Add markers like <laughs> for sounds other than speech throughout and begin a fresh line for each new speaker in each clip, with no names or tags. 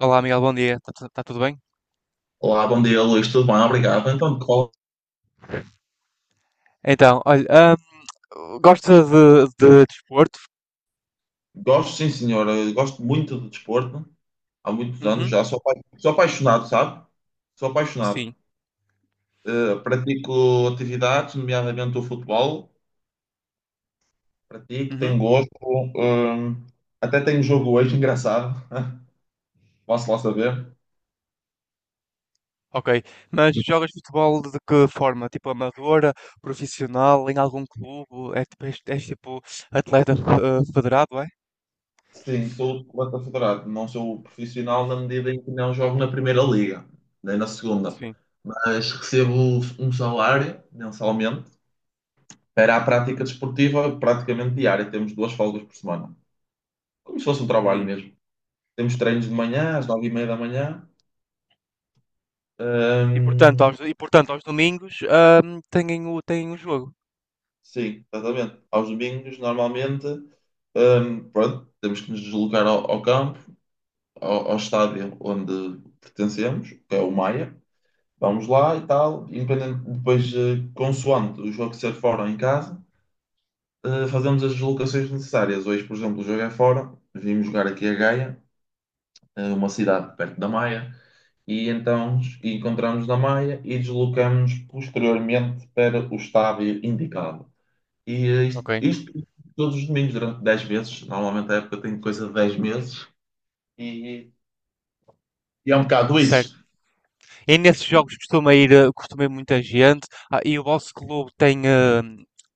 Olá, Miguel, bom dia. Está tudo bem?
Olá, bom dia, Luís. Tudo bem? Obrigado. Então, de qual?
Então, olha, gosta de desporto?
Gosto, sim, senhora. Gosto muito de desporto. Há muitos anos
Uhum,
já. Sou, apaixonado, sabe? Sou apaixonado.
sim.
Pratico atividades, nomeadamente o futebol. Pratico,
Uhum.
tenho gosto. hum, Até tenho jogo hoje, engraçado. <laughs> Posso lá saber?
Ok. Mas jogas futebol de que forma? Tipo amadora, profissional, em algum clube? É, és tipo atleta federado, é?
Sim, sou atleta federado. Não sou profissional na medida em que não jogo na primeira liga, nem na segunda.
Sim.
Mas recebo um salário mensalmente. Era a prática desportiva praticamente diária. Temos duas folgas por semana. Como se fosse um trabalho
Hum.
mesmo. Temos treinos de manhã, às 9h30 da manhã.
E
Hum,
portanto, aos domingos têm o jogo.
sim, exatamente. Aos domingos, normalmente, pronto, temos que nos deslocar ao campo, ao estádio onde pertencemos, que é o Maia. Vamos lá e tal. Independente, depois, consoante o jogo ser fora ou em casa, fazemos as deslocações necessárias. Hoje, por exemplo, o jogo é fora. Vimos jogar aqui a Gaia, uma cidade perto da Maia. E então encontramos na Maia e deslocamos posteriormente para o estádio indicado. E isto,
Ok.
isto todos os domingos, durante 10 meses. Normalmente a época tem coisa de 10 meses. E, e é um bocado
Certo.
isso.
E nesses jogos costuma ir, costuma ir muita gente. Ah, e o vosso clube tem.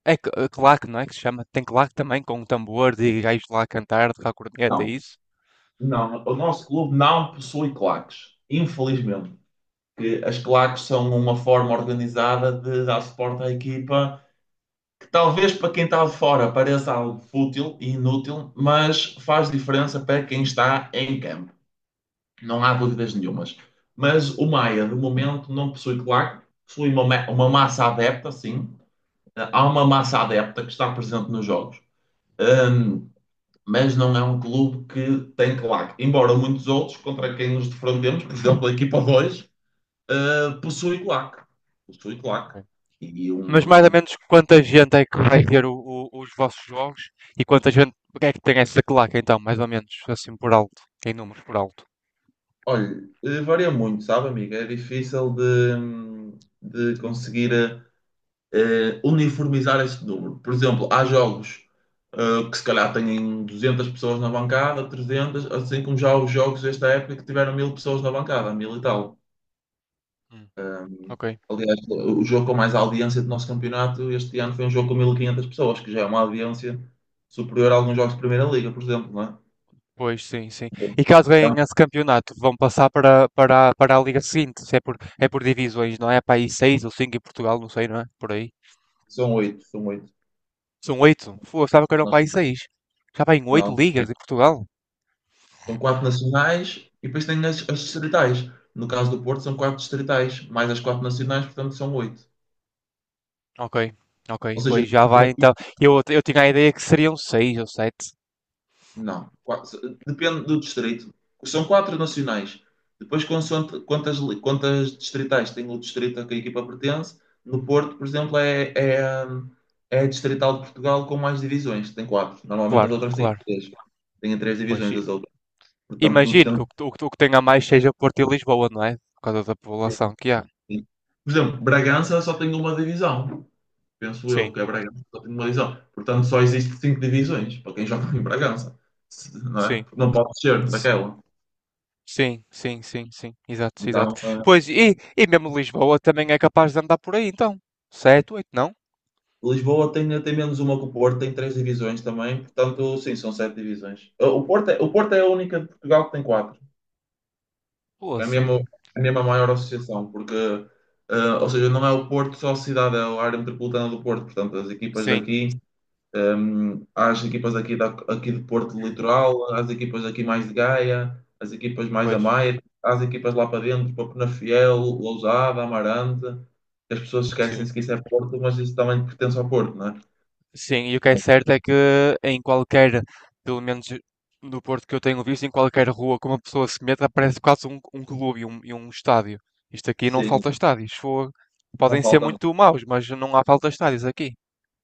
É claque, não é? Que se chama? Tem claque também, com tambores e gajos lá a cantar, tocar corneta, é
Não,
isso?
não, o nosso clube não possui claques. Infelizmente. Que as claques são uma forma organizada de dar suporte à equipa que talvez para quem está de fora pareça algo fútil e inútil, mas faz diferença para quem está em campo. Não há dúvidas nenhumas. Mas o Maia, de momento, não possui, claro, possui uma massa adepta, sim. Há uma massa adepta que está presente nos jogos. Ahm, mas não é um clube que tem claque. Embora muitos outros, contra quem nos defrontemos, por exemplo, a equipa 2, possui claque. Possui claque. E
Mas mais ou
um.
menos quanta gente é que vai ver os vossos jogos e quanta gente é que tem essa claque então, mais ou menos, assim por alto, em números por alto.
Olha, varia muito, sabe, amiga? É difícil de conseguir, uniformizar esse número. Por exemplo, há jogos que se calhar têm 200 pessoas na bancada, 300, assim como já os jogos desta época que tiveram 1.000 pessoas na bancada, 1000 e tal.
Hum,
Ehm,
ok.
Aliás, o jogo com mais audiência do nosso campeonato este ano foi um jogo com 1.500 pessoas, que já é uma audiência superior a alguns jogos de Primeira Liga, por exemplo, não é?
Pois sim, sim. E caso
Então,
ganhem esse campeonato, vão passar para a liga seguinte, se é por divisões, não é? Para aí seis ou cinco em Portugal, não sei, não é? Por aí.
são oito, são oito.
São oito? Fogo, estava que eram para
Nós.
aí seis. Já vai em oito
Não,
ligas em Portugal?
são quatro nacionais e depois tem as distritais. No caso do Porto, são quatro distritais, mais as quatro nacionais, portanto, são oito.
Ok,
Ou
ok.
seja,
Pois já
como é
vai
que.
então. Eu tinha a ideia que seriam seis ou sete.
Não. Depende do distrito. São quatro nacionais. Depois, consoante quantas distritais tem o distrito a que a equipa pertence, no Porto, por exemplo, é a distrital de Portugal com mais divisões. Tem quatro. Normalmente as
Claro,
outras têm
claro.
três. Têm três
Pois
divisões as outras. Portanto,
imagino que o que tenha mais seja Porto e Lisboa, não é? Por causa da população que há.
Por exemplo, Bragança só tem uma divisão. Penso eu
Sim,
que a Bragança só tem uma divisão. Portanto, só existem cinco divisões para quem joga em Bragança. Não é?
sim.
Não pode ser
S-
daquela.
Sim, sim. Exato, exato.
Então,
Pois, e mesmo Lisboa também é capaz de andar por aí, então. Sete, oito, não?
Lisboa tem menos uma que o Porto, tem três divisões também, portanto, sim, são sete divisões. O Porto é a única de Portugal que tem quatro, é
Poça.
mesmo, é mesmo a maior associação, porque, ou seja, não é o Porto só a cidade, é a área metropolitana do Porto, portanto, as equipas
Sim.
daqui, há as equipas aqui de Porto do Litoral, há as equipas aqui mais de Gaia, as equipas mais da
Pois,
Maia, há as equipas lá para dentro, para Penafiel, Lousada, Amarante. As pessoas
sim.
esquecem-se que isso é Porto, mas isso também pertence ao Porto, né?
Sim, e o que é
Mas,
certo é que em qualquer, pelo menos do Porto que eu tenho visto, em qualquer rua que uma pessoa se meta, aparece um clube e e um estádio. Isto aqui não
sim,
falta estádios. Fogo.
não
Podem ser
faltam.
muito maus, mas não há falta estádios aqui.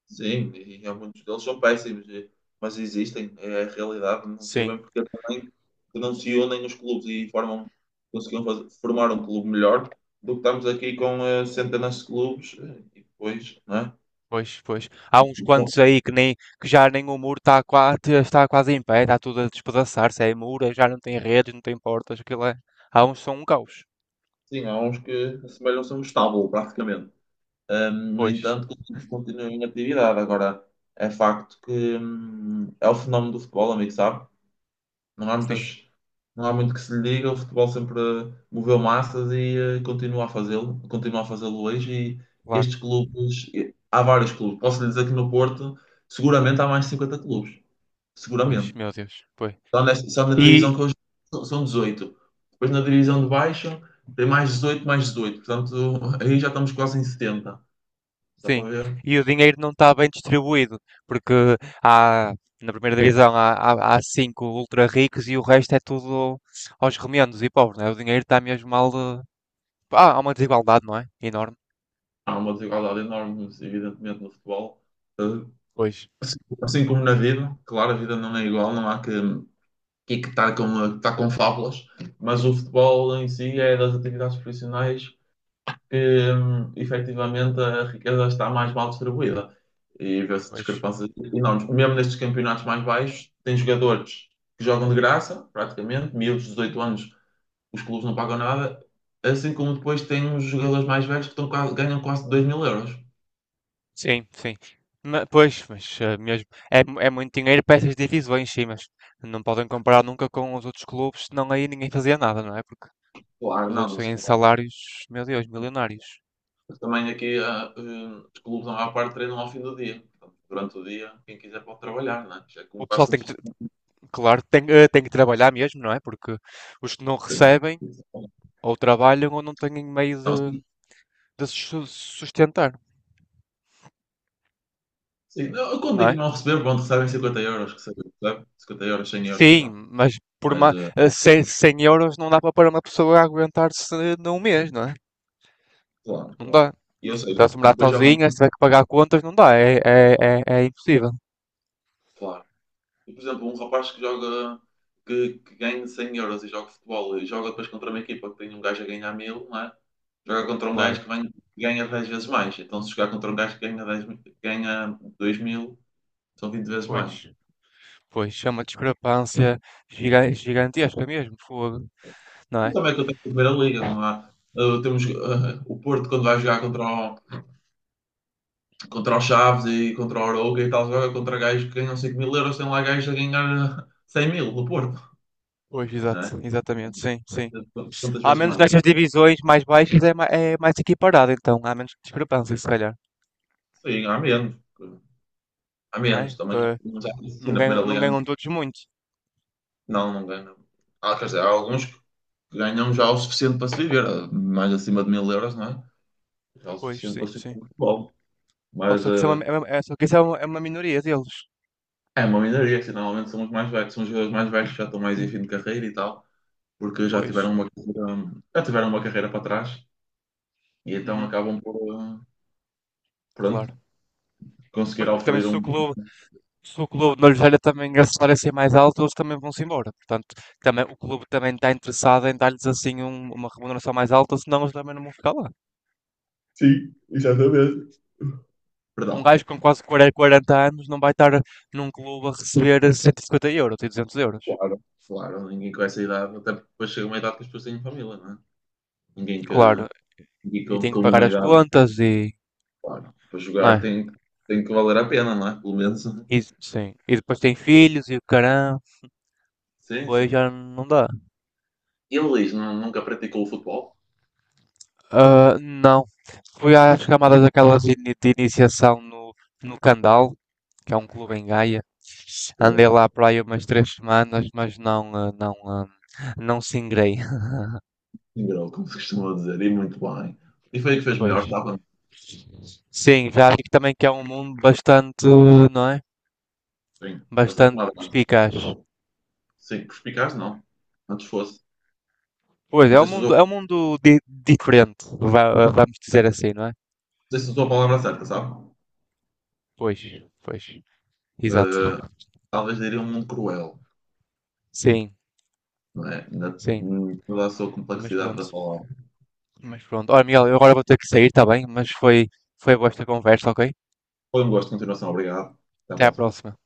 Sim, e há muitos deles são péssimos, mas existem, é a realidade. Não sei
Sim,
bem porque também que não se unem os clubes e formam, conseguiam formar um clube melhor do que estamos aqui com centenas de clubes e depois, não é?
pois, pois. Há uns
Então,
quantos aí que já nem o muro está quase em pé, está tudo a despedaçar-se. É muro, já não tem redes, não tem portas, aquilo é. Há uns que são um caos.
sim, há uns que assemelham-se a um estábulo, praticamente. No
Pois,
entanto, continuam em atividade. Agora, é facto que é o fenómeno do futebol, amigo, sabe? Não há
sim,
muitas, não há muito que se lhe diga. O futebol sempre moveu massas e continua a fazê-lo hoje. E
claro.
estes clubes, há vários clubes. Posso lhe dizer que no Porto seguramente há mais de 50 clubes,
Pois,
seguramente.
meu Deus, pois.
Só na divisão
E
que hoje são 18. Depois na divisão de baixo tem mais 18 mais 18. Portanto, aí já estamos quase em 70. Dá para
sim,
ver?
e o dinheiro não está bem distribuído, porque há, na primeira divisão há cinco ultra ricos e o resto é tudo aos remendos e pobres, né? O dinheiro está mesmo mal. Pá, há uma desigualdade, não é? Enorme.
Há uma desigualdade enorme, evidentemente, no futebol. Eh,
Pois,
Assim assim como na vida, claro, a vida não é igual, não há que e que está com, tá com fábulas, mas o futebol em si é das atividades profissionais que efetivamente a riqueza está mais mal distribuída e vê-se
pois.
discrepâncias enormes. Mesmo nestes campeonatos mais baixos, tem jogadores que jogam de graça, praticamente, miúdos de 18 anos, os clubes não pagam nada, assim como depois tem os jogadores mais velhos que estão ganham quase 2.000 euros.
Sim, sim. Pois, mas mesmo. É, é muito dinheiro para essas divisões, sim, mas não podem comparar nunca com os outros clubes, senão aí ninguém fazia nada, não é? Porque
Claro,
os
não.
outros têm salários, meu Deus, milionários.
Também aqui os clubes, a maior parte, treinam ao fim do dia. Portanto, durante o dia, quem quiser pode trabalhar, né? Já é como
O
quase
pessoal
como
tem
se
que,
fosse.
Claro, tem, tem que trabalhar mesmo, não é? Porque os que não recebem ou trabalham ou não têm meio
Não, sim,
de se su- sustentar,
sim. Não, eu quando
não
digo
é?
não receber, pronto, recebem 50 euros, recebem 50 euros, 100 euros,
Sim,
vá.
mas por
Mas,
ma- eh, 100, 100 euros não dá para uma pessoa aguentar-se num mês, não é?
claro,
Não
claro.
dá.
E eu sei,
Então, se morar
depois jogam,
sozinha, se tiver que pagar contas, não dá. É, é impossível.
claro. E, por exemplo, um rapaz que joga, que ganha 100 euros e joga futebol e joga depois contra uma equipa que tem um gajo a ganhar mil, não é? Joga contra um gajo
Claro,
que ganha 10 vezes mais. Então, se jogar contra um gajo que ganha 10, que ganha 2000. São 20 vezes mais.
pois. Pois, é uma discrepância gigantesca mesmo, fogo, não
Mas
é?
também acontece na Primeira Liga, não há. Temos o Porto quando vai jogar contra o Chaves e contra o Arouca e tal, joga contra gajos que ganham 5 mil euros, tem lá gajos a ganhar 100 mil no Porto,
Pois,
não
exato,
é?
exatamente, sim, sim.
Quantas
Ao
vezes
menos
mais?
nestas divisões mais baixas é, é mais equiparado, então há menos discrepância, se calhar,
Sim, há menos. Há
não é?
menos também.
Porque
Mas há, sim,
não
na Primeira
ganham, não
Liga
ganham todos muito.
não, não ganham. Há, quer dizer, há alguns que ganham já o suficiente para se viver, mais acima de mil euros, não é? Já o
Pois,
suficiente para
sim,
se viver
sim.
com o futebol.
Ou
Mas,
só que isso é uma minoria deles.
é uma minoria, assim, normalmente são os mais velhos, são os jogadores mais velhos que já estão mais em fim de carreira e tal, porque já
Pois,
tiveram uma carreira, já tiveram uma carreira para trás e então
uhum,
acabam por, pronto,
claro. Pois,
conseguir
porque também
oferir
se o
um.
clube, se o clube não lhes olha também a salário ser mais alto, eles também vão-se embora. Portanto, também, o clube também está interessado em dar-lhes assim uma remuneração mais alta, senão eles também não vão ficar lá.
Sim, exatamente.
Um
Perdão.
gajo com quase 40 anos não vai estar num clube a receber 150 euros e 200 euros.
Claro. Claro, ninguém com essa idade, até porque depois chega uma idade que as pessoas têm família, não é? Ninguém que,
Claro,
ninguém
e
com,
tem
com
que pagar
uma
as
idade,
contas e.
claro, para
Não
jogar
é?
tem, que valer a pena, não é? Pelo menos. <laughs>
E, sim. E depois tem filhos e o caramba.
Sim,
Depois
sim.
já não dá.
E o Luís, nunca praticou o futebol?
Ah, não. Fui às camadas daquelas de iniciação no, no Candal, que é um clube em Gaia. Andei lá para aí umas 3 semanas, mas não singrei. <laughs>
Ingrou, como se costuma dizer, e muito bem. E foi aí que fez melhor,
Pois.
estava.
Sim, já vi que também que é um mundo bastante, não é?
Sim, bastante
Bastante
nada.
perspicaz.
Sim, perspicaz, não. Antes fosse.
Pois,
Não sei se usou,
é um
não
mundo diferente, vamos dizer assim, não é?
sei se usou a palavra certa, sabe?
Pois, pois. Exato.
Eh, Talvez diria um mundo cruel,
Sim,
não é? Na,
sim.
em toda a sua
Mas
complexidade da
pronto.
palavra.
Mas pronto. Olha, Miguel, eu agora vou ter que sair, tá bem? Mas foi, foi boa esta conversa, ok?
Foi um gosto, continuação, obrigado. Até à
Até à
próxima.
próxima.